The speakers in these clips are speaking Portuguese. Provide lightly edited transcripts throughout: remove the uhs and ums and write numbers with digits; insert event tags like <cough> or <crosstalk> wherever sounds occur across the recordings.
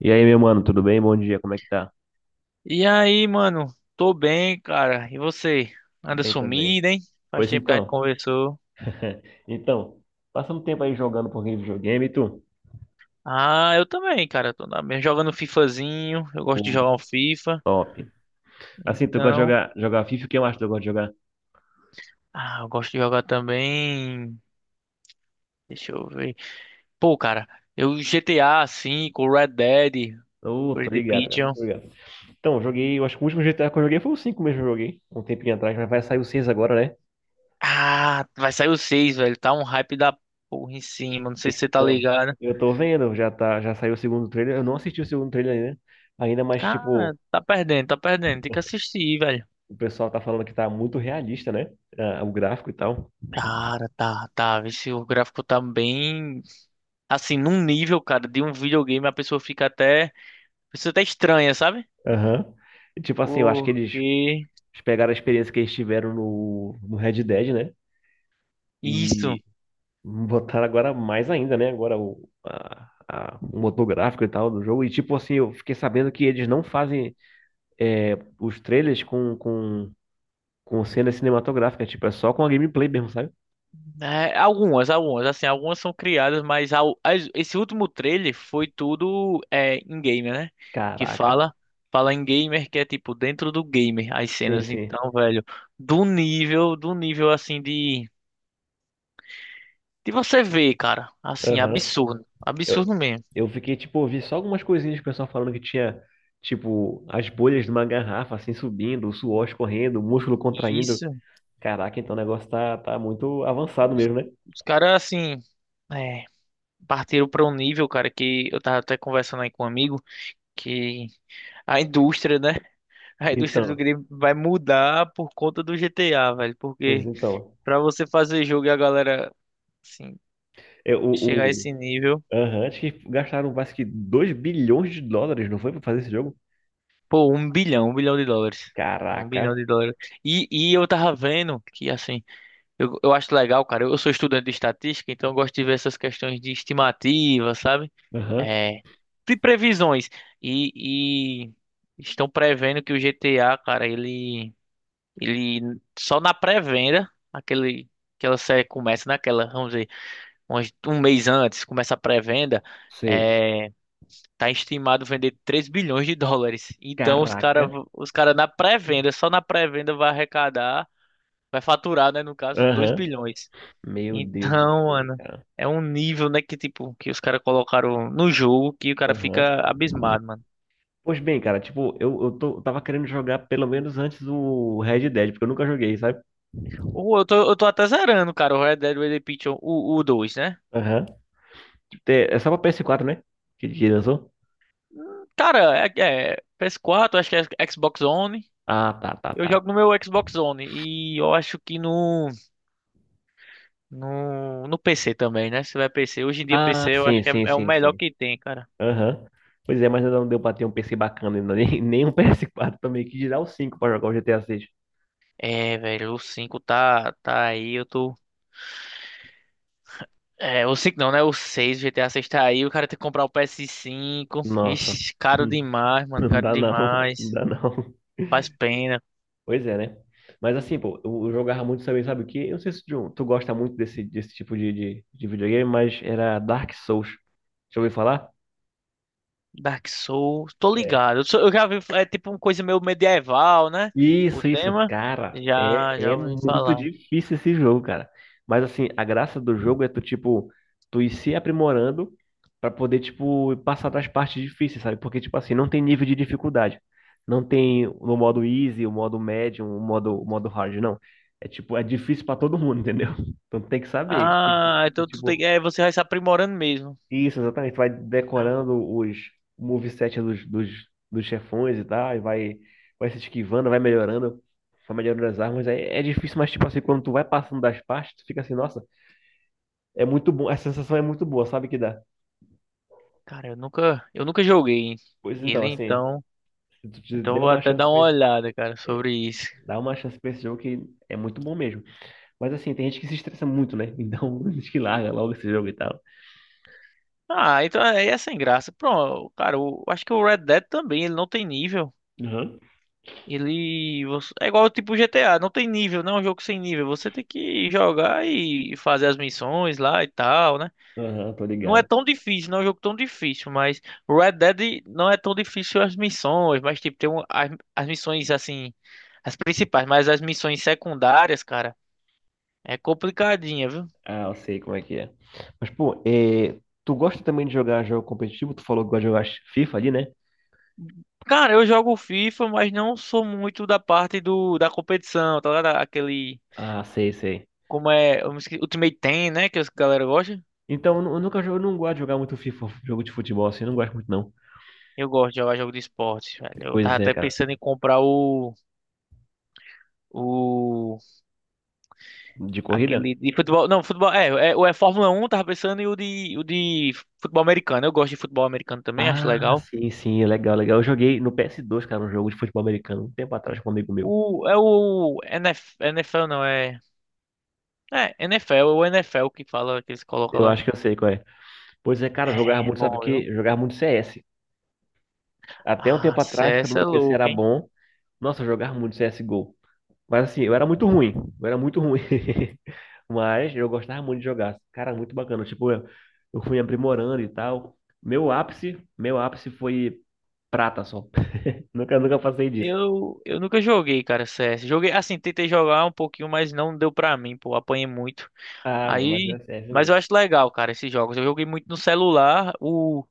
E aí, meu mano, tudo bem? Bom dia, como é que tá? E aí, mano? Tô bem, cara. E você? Tudo Anda bem também. sumido, hein? Faz Pois tempo que a gente então. conversou. <laughs> Então, passando tempo aí jogando um pouquinho de videogame, e tu? Ah, eu também, cara. Tô jogando FIFAzinho. Eu gosto de Pô, jogar um FIFA. top. Assim, tu gosta de Então. jogar FIFA? O que mais tu gosta de jogar? Ah, eu gosto de jogar também. Deixa eu ver. Pô, cara, eu GTA V, o Red Dead, Ô, Red tô Dead ligado, cara. Redemption. Tô ligado. Então, eu acho que o último GTA que eu joguei foi o 5 mesmo que eu joguei, um tempinho atrás, mas vai sair o 6 agora, né? Ah, vai sair o seis, velho. Tá um hype da porra em cima. Não sei se você tá Então, ligado. eu tô vendo, já saiu o segundo trailer. Eu não assisti o segundo trailer ainda, mas Cara, tipo, tá perdendo, tá perdendo. Tem que assistir, velho. o pessoal tá falando que tá muito realista, né? Ah, o gráfico e tal. Cara, tá, tá. Vê se o gráfico tá bem. Assim, num nível, cara, de um videogame, a pessoa fica até. A pessoa até estranha, sabe? Aham. E, tipo assim, eu acho que eles Porque. Eles pegaram a experiência que eles tiveram no Red Dead, né? Isso. E botaram agora mais ainda, né? Agora o motor gráfico e tal do jogo. E tipo assim, eu fiquei sabendo que eles não fazem os trailers com cena cinematográfica. Tipo, é só com a gameplay mesmo, sabe? É, algumas. Assim, algumas são criadas, mas esse último trailer foi tudo in-gamer, né? Que Caraca. fala. Fala em gamer, que é tipo dentro do gamer as Sim, cenas. sim. Então, velho, do nível De você ver, cara. Assim, Aham. absurdo. Eu, Absurdo mesmo. eu fiquei, tipo, eu vi só algumas coisinhas do pessoal falando que tinha, tipo, as bolhas de uma garrafa, assim, subindo, o suor escorrendo, o músculo contraindo. Isso. Caraca, então o negócio tá muito avançado mesmo, né? Os caras, assim, é, partiram para um nível, cara, que eu tava até conversando aí com um amigo, que a indústria, né? A indústria do Então, game vai mudar por conta do GTA, velho. pois Porque então. pra você fazer jogo e a galera, assim, É, chegar a esse nível, aham, acho que gastaram quase que 2 bilhões de dólares, não foi, pra fazer esse jogo? pô, 1 bilhão, 1 bilhão de dólares. É Um Caraca. bilhão de dólares. E eu tava vendo que, assim, Eu acho legal, cara. Eu sou estudante de estatística, então eu gosto de ver essas questões de estimativa, sabe? Aham, É, de previsões. E estão prevendo que o GTA, cara, ele só na pré-venda, aquela série começa naquela, vamos dizer, um mês antes, começa a pré-venda, sei. é, tá estimado vender 3 bilhões de dólares. Então os Caraca. cara, os cara na pré-venda, só na pré-venda vai arrecadar, vai faturar, né, no caso, 2 Aham. bilhões. Meu Deus do Então, céu, Ana cara. é um nível, né, que tipo, que os caras colocaram no jogo que o cara Aham. fica abismado, mano. Pois bem, cara, tipo, eu tava querendo jogar pelo menos antes o Red Dead, porque eu nunca joguei, sabe? Ou eu tô até zerando, cara, o Red Dead Redemption, o dois, né? Aham. É só pra PS4, né? Que lançou? Cara, é PS4, acho que é Xbox One. Ah, tá, tá, Eu tá. jogo no meu Xbox One e eu acho que no PC também, né? Se tiver PC. Hoje em dia Ah, PC eu acho sim, que é, sim, é o sim, melhor sim. que tem, cara. Aham. Pois é, mas ainda não deu pra ter um PC bacana ainda, nem, <laughs> nem um PS4 também, que dirá o 5 pra jogar o GTA 6. É, velho, o 5 tá aí, eu tô É, o 5 não, né? O 6, GTA 6 tá aí. O cara tem que comprar o PS5. Nossa, Ixi, <laughs> caro Hum. demais, mano. Não Caro dá não, não demais. dá não. Faz pena. Pois é, né? Mas assim, pô, eu jogava muito também, sabe o quê? Eu não sei se tu gosta muito desse tipo de videogame, mas era Dark Souls. Já ouviu falar? Dark Souls. Tô ligado. Eu já vi. É tipo uma coisa meio medieval, né? O Isso, tema. cara, Já, é, já é ouvi muito falar. difícil esse jogo, cara. Mas assim, a graça do jogo é tu, tipo, tu ir se aprimorando pra poder, tipo, passar das partes difíceis, sabe? Porque, tipo assim, não tem nível de dificuldade. Não tem no modo easy, o modo médium, o modo hard, não. É tipo, é difícil pra todo mundo, entendeu? <laughs> Então tem que saber, tem Ah, que, então tipo, você vai se aprimorando mesmo. isso, exatamente. Vai decorando os moveset dos chefões e tal, e vai se esquivando, vai melhorando as armas. É difícil, mas tipo assim, quando tu vai passando das partes, tu fica assim, nossa, é muito bom, a sensação é muito boa, sabe que dá. Cara, eu nunca joguei Pois então, ele, assim, então. se tu te Então eu der vou uma até chance dar pra uma esse, olhada, cara, sobre isso. dá uma chance pra esse jogo que é muito bom mesmo. Mas assim, tem gente que se estressa muito, né? Então, <laughs> diz que larga logo esse jogo e tal. Ah, então aí é sem graça. Pronto, cara, eu acho que o Red Dead também, ele não tem nível. Aham. É igual tipo GTA, não tem nível, não é um jogo sem nível. Você tem que jogar e fazer as missões lá e tal, né? Aham, tô Não é ligado. tão difícil, não é um jogo tão difícil, mas Red Dead não é tão difícil as missões, mas tipo as missões assim, as principais, mas as missões secundárias, cara, é complicadinha, viu? Ah, eu sei como é que é. Mas, pô, tu gosta também de jogar jogo competitivo? Tu falou que gosta de jogar FIFA ali, né? Cara, eu jogo FIFA, mas não sou muito da parte do da competição, tá ligado? Aquele Ah, sei, sei. como é, eu me esque- Ultimate Team, né, que as galera gosta. Então, eu nunca jogo, eu não gosto de jogar muito FIFA, jogo de futebol, assim, eu não gosto muito, não. Eu gosto de jogar jogo de esporte, velho. Eu tava Pois é, até cara. pensando em comprar o. O. De corrida? Aquele de futebol. Não, futebol. É, é, o é Fórmula 1. Tava pensando em o de futebol americano. Eu gosto de futebol americano também, acho Ah, legal. sim, sim, é legal, legal. Eu joguei no PS2, cara, um jogo de futebol americano, um tempo atrás com um amigo meu. É o NFL. Não, é. É, NFL, é o NFL que fala, que eles colocam Eu lá. acho que eu sei qual é. Pois é, cara, eu jogava É muito, sabe o bom, quê? viu? Eu jogava muito CS. Até um Ah, tempo atrás, quando CS é meu PC louco, era hein? bom, nossa, eu jogava muito CSGO. Mas assim, eu era muito ruim. Eu era muito ruim. <laughs> Mas eu gostava muito de jogar. Cara, muito bacana. Tipo, eu fui aprimorando e tal. Meu ápice foi prata só. <laughs> Nunca, nunca passei disso. Eu nunca joguei, cara, CS. Joguei, assim, tentei jogar um pouquinho, mas não deu pra mim, pô. Apanhei muito. Ah, mano, mas é Aí, sério mas eu mesmo. acho legal, cara, esses jogos. Eu joguei muito no celular, o,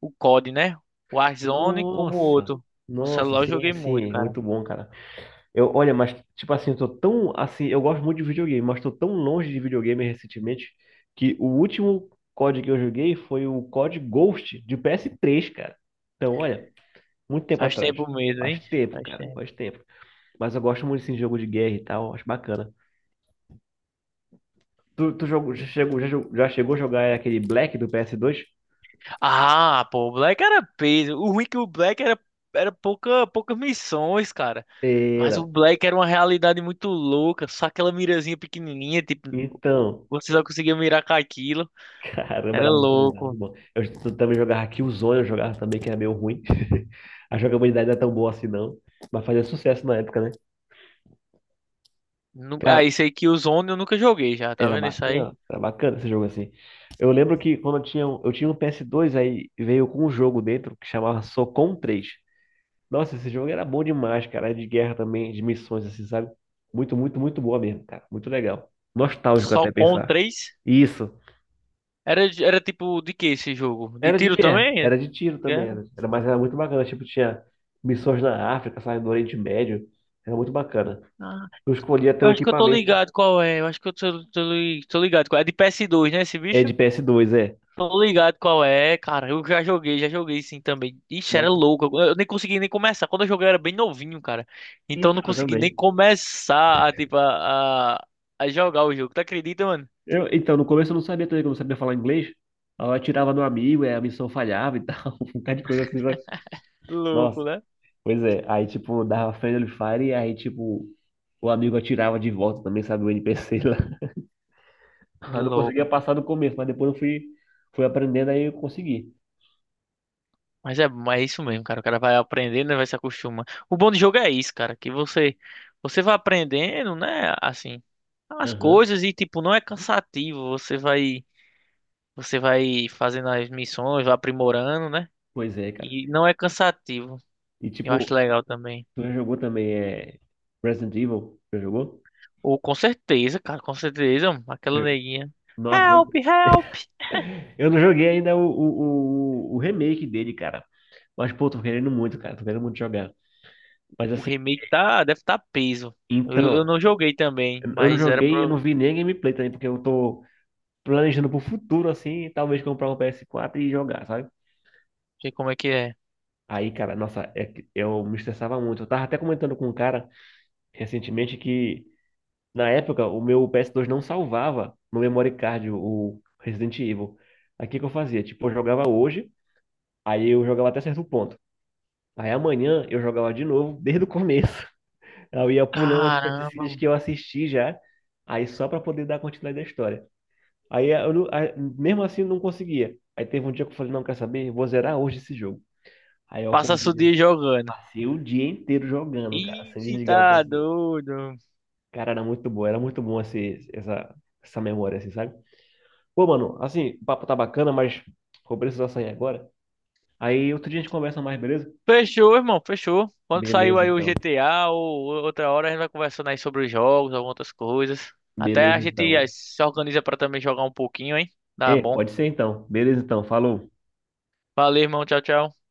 o COD, né? O Warzone como o Nossa! outro. No Nossa, celular eu sim, joguei muito, sim, cara. muito bom, cara. Eu, olha, mas tipo assim, eu tô tão assim, eu gosto muito de videogame, mas tô tão longe de videogame recentemente que o último COD que eu joguei foi o COD Ghost de PS3 cara. Então, olha, muito tempo Faz atrás. tempo mesmo, Faz hein? tempo, Faz cara. tempo. Faz tempo. Mas eu gosto muito assim, de jogo de guerra e tal. Acho bacana. Tu jogou, já, Yeah. chegou, já, jogou- já chegou a jogar aquele Black do PS2? Ah, pô, o Black era peso. O ruim é que o Black era poucas missões, cara. É, Mas o não. Black era uma realidade muito louca. Só aquela mirazinha pequenininha, tipo, Então, você só conseguia mirar com aquilo. <laughs> caramba, Era era muito bom, era muito louco. bom. Eu também jogava Killzone, eu jogava também, que era meio ruim. <laughs> A jogabilidade não é tão boa assim, não. Mas fazia sucesso na época, né? Ah, Cara, isso aí que o Zone eu nunca joguei já, tá vendo isso aí? Era bacana esse jogo assim. Eu lembro que quando eu tinha um PS2, aí veio com um jogo dentro que chamava Socom 3. Nossa, esse jogo era bom demais, cara. Era de guerra também, de missões, assim, sabe? Muito, muito, muito boa mesmo, cara. Muito legal. Nostálgico Só até com pensar. 3. Isso. Era tipo de que esse jogo? De Era de tiro guerra, também? era de tiro É? também, mas era muito bacana. Tipo, tinha missões na África, sabe? No Oriente Médio. Era muito bacana. Ah, Eu escolhi até eu o acho que eu tô equipamento. ligado qual é. Eu acho que eu tô ligado qual é. É de PS2, né, esse É de bicho? PS2, é. Tô ligado qual é, cara. Eu já joguei sim também. Ixi, era Nossa. louco. Eu nem consegui nem começar. Quando eu joguei eu era bem novinho, cara. Então eu não Então, consegui nem também. começar a, tipo, a jogar o jogo. Tu acredita, mano? Eu, então, no começo eu não sabia também, que eu não sabia falar inglês. Aí eu atirava no amigo, aí a missão falhava e tal. <laughs> Um bocado de coisa assim, sabe? Louco, Nossa, né? pois é, aí tipo, dava friendly fire e aí tipo, o amigo atirava de volta também, sabe, o NPC lá. <laughs> Eu não conseguia Louco. passar no começo, mas depois eu fui aprendendo, aí eu consegui. Mas é isso mesmo, cara. O cara vai aprendendo, né, vai se acostumando. O bom do jogo é isso, cara, que você vai aprendendo, né, assim, as Aham. coisas e tipo, não é cansativo, você vai fazendo as missões, vai aprimorando, né? Pois é, cara. E não é cansativo. E Eu tipo, acho legal também. tu já jogou também Resident Evil? Já jogou? Ou com certeza, cara, com certeza, mano, aquela Eu- neguinha. Nossa, eu Help, help. <laughs> eu não joguei ainda o remake dele, cara. Mas, pô, tô querendo muito, cara. Tô querendo muito jogar. Mas O assim, remake deve estar peso. Eu então, não joguei também, eu não mas era pra joguei, eu não eu vi nem a gameplay também, porque eu tô planejando pro futuro, assim, talvez comprar um PS4 e jogar, sabe? ver como é que é. Aí, cara, nossa, é que eu me estressava muito. Eu tava até comentando com um cara recentemente que, na época, o meu PS2 não salvava no memory card o Resident Evil. Aí, o que que eu fazia? Tipo, eu jogava hoje, aí eu jogava até certo ponto. Aí, amanhã, eu jogava de novo, <laughs> desde o começo. <laughs> Eu ia pulando as Caramba, cutscenes mano. que eu assisti já, aí só pra poder dar continuidade à história. Aí, mesmo assim eu não conseguia. Aí teve um dia que eu falei, não, quer saber? Vou zerar hoje esse jogo. Aí eu Passa o acordei, dia jogando. passei o dia inteiro jogando, cara, sem Ih, desligar o tá PS2. doido. Cara, era muito bom essa memória, assim, sabe? Pô, mano, assim, o papo tá bacana, mas vou precisar sair agora. Aí outro dia a gente conversa mais, beleza? Fechou, irmão, fechou. Quando saiu Beleza, aí o então. GTA ou outra hora, a gente vai conversando aí sobre os jogos, algumas outras coisas. Até Beleza, a gente então. se organiza pra também jogar um pouquinho, hein? Tá É, bom. pode ser então. Beleza, então. Falou. Valeu, irmão. Tchau, tchau.